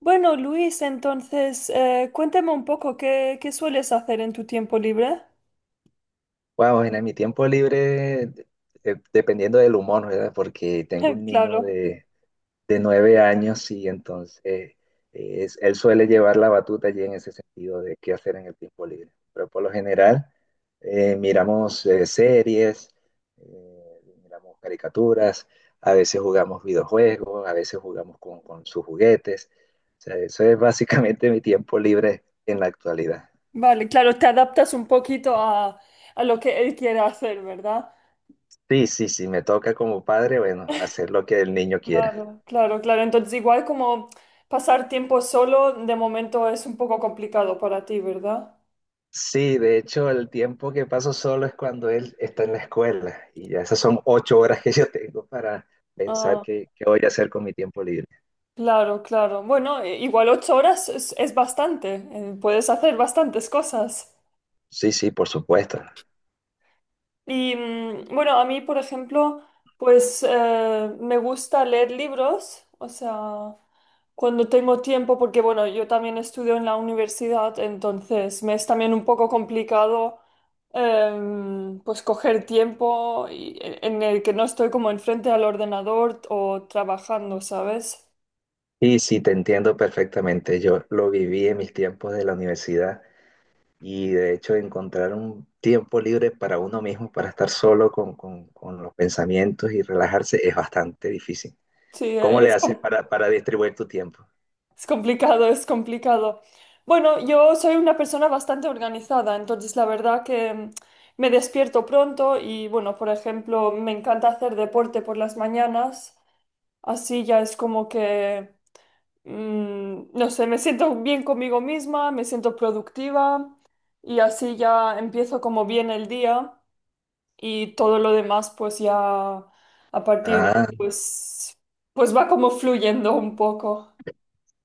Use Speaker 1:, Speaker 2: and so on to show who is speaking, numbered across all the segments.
Speaker 1: Bueno, Luis, entonces, cuéntame un poco qué sueles hacer en tu tiempo libre.
Speaker 2: Wow, en mi tiempo libre, dependiendo del humor, ¿verdad? Porque tengo un niño
Speaker 1: Claro,
Speaker 2: de 9 años y entonces él suele llevar la batuta allí en ese sentido de qué hacer en el tiempo libre. Pero por lo general miramos series, miramos caricaturas, a veces jugamos videojuegos, a veces jugamos con sus juguetes. O sea, eso es básicamente mi tiempo libre en la actualidad.
Speaker 1: vale, claro, te adaptas un poquito a lo que él quiere hacer, ¿verdad?
Speaker 2: Sí, sí, sí, me toca como padre, bueno, hacer lo que el niño quiera.
Speaker 1: Claro, claro, claro. Entonces, igual como pasar tiempo solo, de momento es un poco complicado para ti, ¿verdad?
Speaker 2: Sí, de hecho, el tiempo que paso solo es cuando él está en la escuela y ya esas son 8 horas que yo tengo para pensar
Speaker 1: Ah,
Speaker 2: qué voy a hacer con mi tiempo libre.
Speaker 1: claro, claro. Bueno, igual ocho horas es bastante. Puedes hacer bastantes cosas.
Speaker 2: Sí, sí, por supuesto.
Speaker 1: Y bueno, a mí, por ejemplo, pues me gusta leer libros, o sea, cuando tengo tiempo, porque bueno, yo también estudio en la universidad, entonces me es también un poco complicado pues coger tiempo en el que no estoy como enfrente al ordenador o trabajando, ¿sabes?
Speaker 2: Y sí, te entiendo perfectamente. Yo lo viví en mis tiempos de la universidad y de hecho encontrar un tiempo libre para uno mismo, para estar solo con los pensamientos y relajarse es bastante difícil.
Speaker 1: Sí,
Speaker 2: ¿Cómo le
Speaker 1: es.
Speaker 2: haces para distribuir tu tiempo?
Speaker 1: Es complicado, es complicado. Bueno, yo soy una persona bastante organizada, entonces la verdad que me despierto pronto y bueno, por ejemplo, me encanta hacer deporte por las mañanas, así ya es como que no sé, me siento bien conmigo misma, me siento productiva y así ya empiezo como bien el día y todo lo demás pues ya a partir de
Speaker 2: Ah,
Speaker 1: ahí pues, pues va como fluyendo un poco.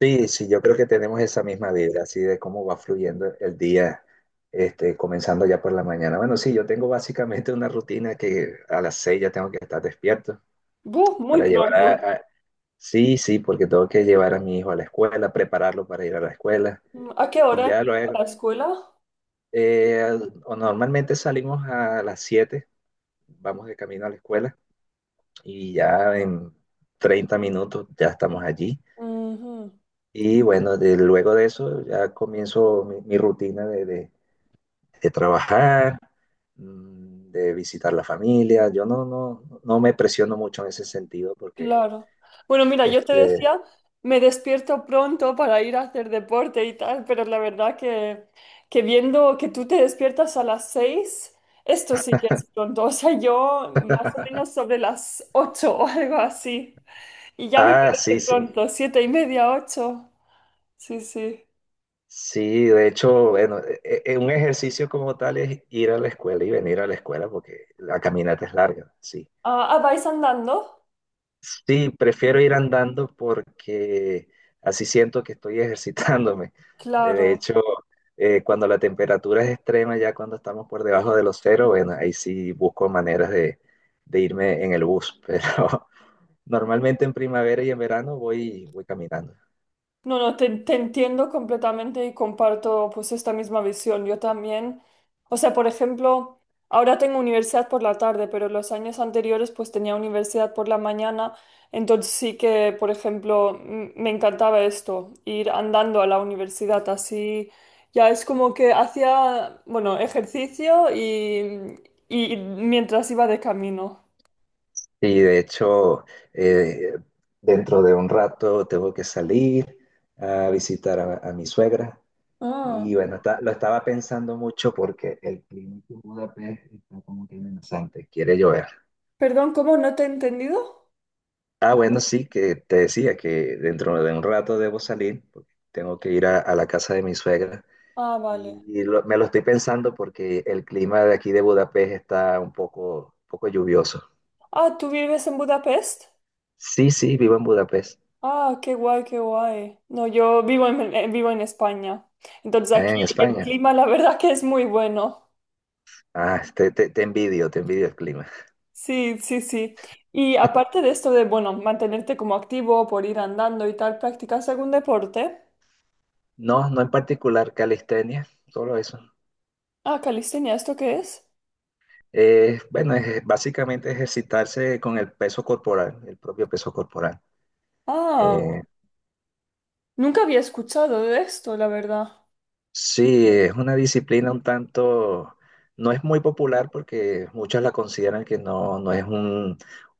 Speaker 2: sí, sí, yo creo que tenemos esa misma vibra, así de cómo va fluyendo el día, este, comenzando ya por la mañana. Bueno, sí, yo tengo básicamente una rutina que a las 6 ya tengo que estar despierto
Speaker 1: Buh, muy
Speaker 2: para llevar
Speaker 1: pronto.
Speaker 2: sí, sí, porque tengo que llevar a mi hijo a la escuela, prepararlo para ir a la escuela.
Speaker 1: Mm, ¿a qué
Speaker 2: Y
Speaker 1: hora
Speaker 2: ya
Speaker 1: empieza
Speaker 2: luego,
Speaker 1: la escuela?
Speaker 2: eh, o normalmente salimos a las 7, vamos de camino a la escuela y ya en 30 minutos ya estamos allí.
Speaker 1: Ujú,
Speaker 2: Y bueno, luego de eso ya comienzo mi rutina de trabajar, de visitar la familia. Yo no, no, no me presiono mucho en ese sentido porque,
Speaker 1: claro. Bueno, mira, yo te
Speaker 2: este,
Speaker 1: decía, me despierto pronto para ir a hacer deporte y tal, pero la verdad que viendo que tú te despiertas a las seis, esto sí que es pronto. O sea, yo más o menos sobre las ocho o algo así. Y ya me
Speaker 2: ah,
Speaker 1: parece
Speaker 2: sí, sí.
Speaker 1: pronto, siete y media, ocho. Sí, sí.
Speaker 2: Sí, de hecho, bueno, un ejercicio como tal es ir a la escuela y venir a la escuela porque la caminata es larga, sí.
Speaker 1: Ah, ah, ¿vais andando?
Speaker 2: Sí, prefiero ir andando porque así siento que estoy ejercitándome. De
Speaker 1: Claro.
Speaker 2: hecho, cuando la temperatura es extrema, ya cuando estamos por debajo de los cero, bueno, ahí sí busco maneras de irme en el bus, pero normalmente en primavera y en verano voy caminando.
Speaker 1: No, no, te entiendo completamente y comparto pues esta misma visión. Yo también, o sea, por ejemplo, ahora tengo universidad por la tarde, pero los años anteriores pues tenía universidad por la mañana, entonces sí que, por ejemplo, me encantaba esto, ir andando a la universidad así, ya es como que hacía, bueno, ejercicio y mientras iba de camino.
Speaker 2: Y de hecho, eh, dentro de un rato tengo que salir a visitar a mi suegra.
Speaker 1: Ah,
Speaker 2: Y bueno, lo estaba pensando mucho porque el clima aquí en Budapest está como que amenazante, quiere llover.
Speaker 1: perdón, ¿cómo no te he entendido?
Speaker 2: Ah, bueno, sí, que te decía que dentro de un rato debo salir, porque tengo que ir a la casa de mi suegra.
Speaker 1: Ah, vale.
Speaker 2: Y me lo estoy pensando porque el clima de aquí de Budapest está un poco lluvioso.
Speaker 1: Ah, ¿tú vives en Budapest?
Speaker 2: Sí, sí, vivo en Budapest,
Speaker 1: Ah, qué guay, qué guay. No, yo vivo en, vivo en España. Entonces
Speaker 2: ¿eh?
Speaker 1: aquí
Speaker 2: En
Speaker 1: el
Speaker 2: España.
Speaker 1: clima, la verdad que es muy bueno.
Speaker 2: Ah, te envidio el clima.
Speaker 1: Sí, sí, sí. Y aparte de esto de, bueno, mantenerte como activo por ir andando y tal, ¿practicas algún deporte?
Speaker 2: No, no en particular calistenia, solo eso.
Speaker 1: Ah, calistenia, ¿esto qué es?
Speaker 2: Bueno, básicamente ejercitarse con el peso corporal, el propio peso corporal.
Speaker 1: Ah,
Speaker 2: Eh,
Speaker 1: nunca había escuchado de esto, la verdad.
Speaker 2: sí, es una disciplina un tanto, no es muy popular porque muchos la consideran que no, no es un,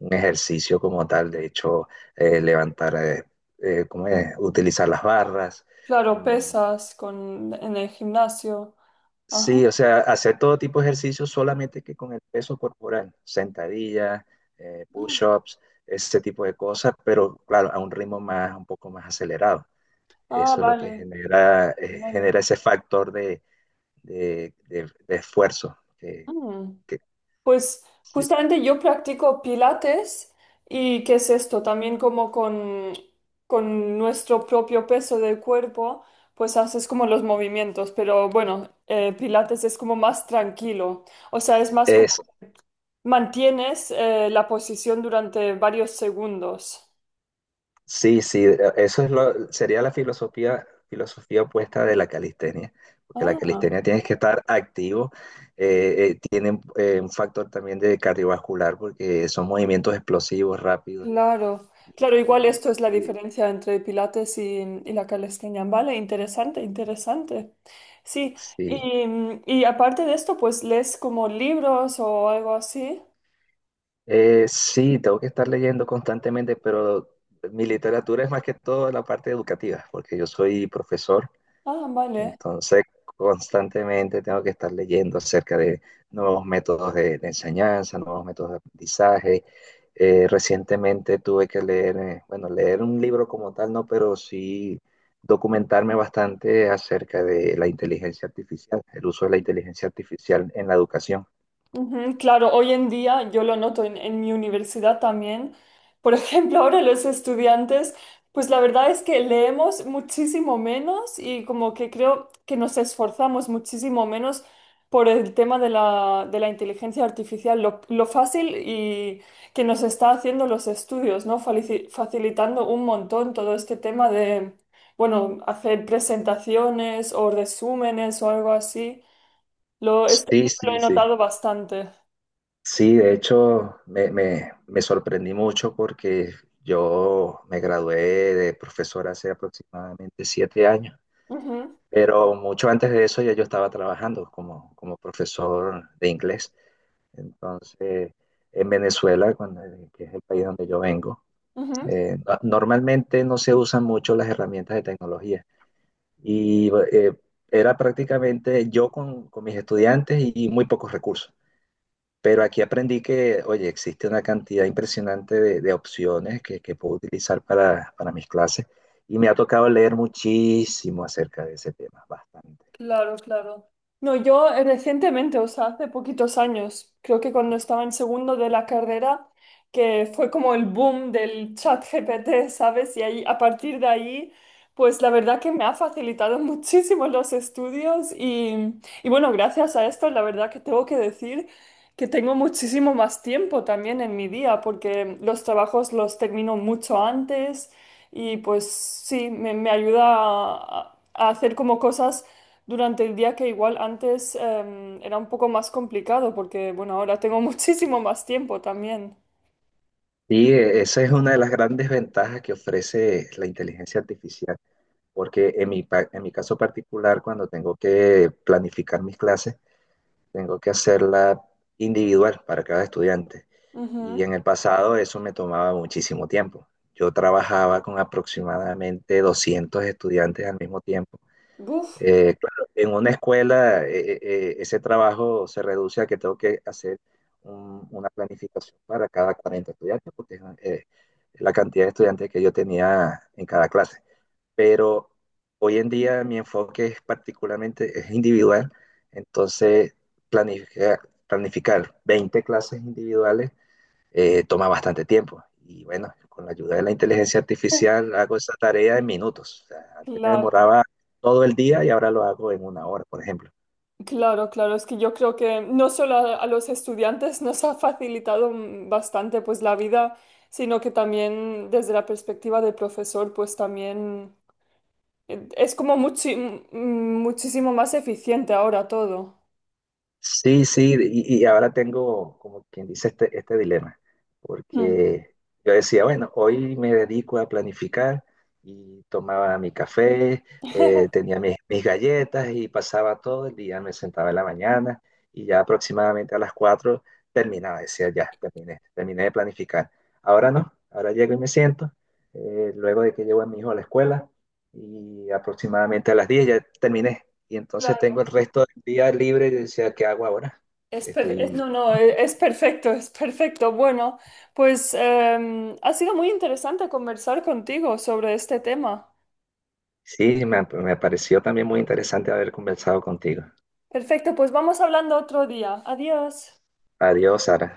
Speaker 2: un ejercicio como tal. De hecho, eh, levantar, eh, ¿cómo es? Utilizar las barras,
Speaker 1: Claro,
Speaker 2: mm,
Speaker 1: pesas con, en el gimnasio. Ajá.
Speaker 2: sí, o sea, hacer todo tipo de ejercicios solamente que con el peso corporal, sentadillas, push-ups, ese tipo de cosas, pero claro, a un ritmo más, un poco más acelerado.
Speaker 1: Ah,
Speaker 2: Eso es lo que
Speaker 1: vale,
Speaker 2: genera,
Speaker 1: vale.
Speaker 2: genera ese factor de, de esfuerzo.
Speaker 1: Mm.
Speaker 2: Que-
Speaker 1: Pues
Speaker 2: sí,
Speaker 1: justamente yo practico pilates y ¿qué es esto? También como con nuestro propio peso del cuerpo, pues haces como los movimientos, pero bueno, pilates es como más tranquilo, o sea, es más como
Speaker 2: eso,
Speaker 1: mantienes la posición durante varios segundos.
Speaker 2: Sí, sí, eso es lo, sería la filosofía opuesta de la calistenia, porque la
Speaker 1: Ah.
Speaker 2: calistenia tienes que estar activo, tiene un factor también de cardiovascular, porque son movimientos explosivos, rápidos.
Speaker 1: Claro, claro, igual
Speaker 2: Y-
Speaker 1: esto es la
Speaker 2: y-
Speaker 1: diferencia entre Pilates y la calistenia, ¿vale? Interesante, interesante. Sí,
Speaker 2: Sí,
Speaker 1: y aparte de esto, pues lees como libros o algo así.
Speaker 2: Sí, tengo que estar leyendo constantemente, pero mi literatura es más que todo la parte educativa, porque yo soy profesor.
Speaker 1: Ah, vale.
Speaker 2: Entonces, constantemente tengo que estar leyendo acerca de nuevos métodos de enseñanza, nuevos métodos de aprendizaje. Recientemente tuve que leer, bueno, leer un libro como tal, no, pero sí documentarme bastante acerca de la inteligencia artificial, el uso de la inteligencia artificial en la educación.
Speaker 1: Ujú, claro, hoy en día yo lo noto en mi universidad también. Por ejemplo, ahora los estudiantes, pues la verdad es que leemos muchísimo menos y como que creo que nos esforzamos muchísimo menos por el tema de de la inteligencia artificial, lo fácil y que nos está haciendo los estudios, ¿no? Facilitando un montón todo este tema de, bueno, hacer presentaciones o resúmenes o algo así. Lo, esto
Speaker 2: Sí,
Speaker 1: sí que lo
Speaker 2: sí,
Speaker 1: he
Speaker 2: sí.
Speaker 1: notado bastante.
Speaker 2: Sí, de hecho, me sorprendí mucho porque yo me gradué de profesor hace aproximadamente 7 años.
Speaker 1: Ujú,
Speaker 2: Pero mucho antes de eso ya yo estaba trabajando como profesor de inglés. Entonces, en Venezuela, que es el país donde yo vengo,
Speaker 1: ujú.
Speaker 2: normalmente no se usan mucho las herramientas de tecnología. Y era prácticamente yo con mis estudiantes y muy pocos recursos. Pero aquí aprendí que, oye, existe una cantidad impresionante de opciones que puedo utilizar para mis clases. Y me ha tocado leer muchísimo acerca de ese tema, bastante.
Speaker 1: Claro, claro. No, yo recientemente, o sea, hace poquitos años, creo que cuando estaba en segundo de la carrera, que fue como el boom del chat GPT, ¿sabes? Y ahí, a partir de ahí, pues la verdad que me ha facilitado muchísimo los estudios y bueno, gracias a esto, la verdad que tengo que decir que tengo muchísimo más tiempo también en mi día, porque los trabajos los termino mucho antes y pues sí, me ayuda a hacer como cosas durante el día que igual antes era un poco más complicado porque, bueno, ahora tengo muchísimo más tiempo también.
Speaker 2: Sí, esa es una de las grandes ventajas que ofrece la inteligencia artificial, porque en mi caso particular, cuando tengo que planificar mis clases, tengo que hacerla individual para cada estudiante. Y
Speaker 1: Ujú.
Speaker 2: en el pasado eso me tomaba muchísimo tiempo. Yo trabajaba con aproximadamente 200 estudiantes al mismo tiempo.
Speaker 1: Buf.
Speaker 2: Claro, en una escuela ese trabajo se reduce a que tengo que hacer una planificación para cada 40 estudiantes, porque es la cantidad de estudiantes que yo tenía en cada clase. Pero hoy en día mi enfoque es particularmente es individual, entonces planificar, planificar 20 clases individuales toma bastante tiempo. Y bueno, con la ayuda de la inteligencia artificial hago esa tarea en minutos. O sea, antes me
Speaker 1: Claro,
Speaker 2: demoraba todo el día y ahora lo hago en una hora, por ejemplo.
Speaker 1: claro, claro. Es que yo creo que no solo a los estudiantes nos ha facilitado bastante pues la vida, sino que también desde la perspectiva del profesor, pues también es como muchísimo más eficiente ahora todo.
Speaker 2: Sí, sí, y ahora tengo, como quien dice, este dilema,
Speaker 1: Mm.
Speaker 2: porque yo decía, bueno, hoy me dedico a planificar y tomaba mi café, tenía mis galletas y pasaba todo el día, me sentaba en la mañana y ya aproximadamente a las 4 terminaba, decía, ya, terminé, terminé de planificar. Ahora no, ahora llego y me siento, luego de que llevo a mi hijo a la escuela y aproximadamente a las 10 ya terminé. Y entonces tengo
Speaker 1: Claro.
Speaker 2: el resto del día libre y decía, ¿qué hago ahora?
Speaker 1: No,
Speaker 2: Estoy...
Speaker 1: no, es perfecto, es perfecto. Bueno, pues ha sido muy interesante conversar contigo sobre este tema.
Speaker 2: Sí, me pareció también muy interesante haber conversado contigo.
Speaker 1: Perfecto, pues vamos hablando otro día. Adiós.
Speaker 2: Adiós, Sara.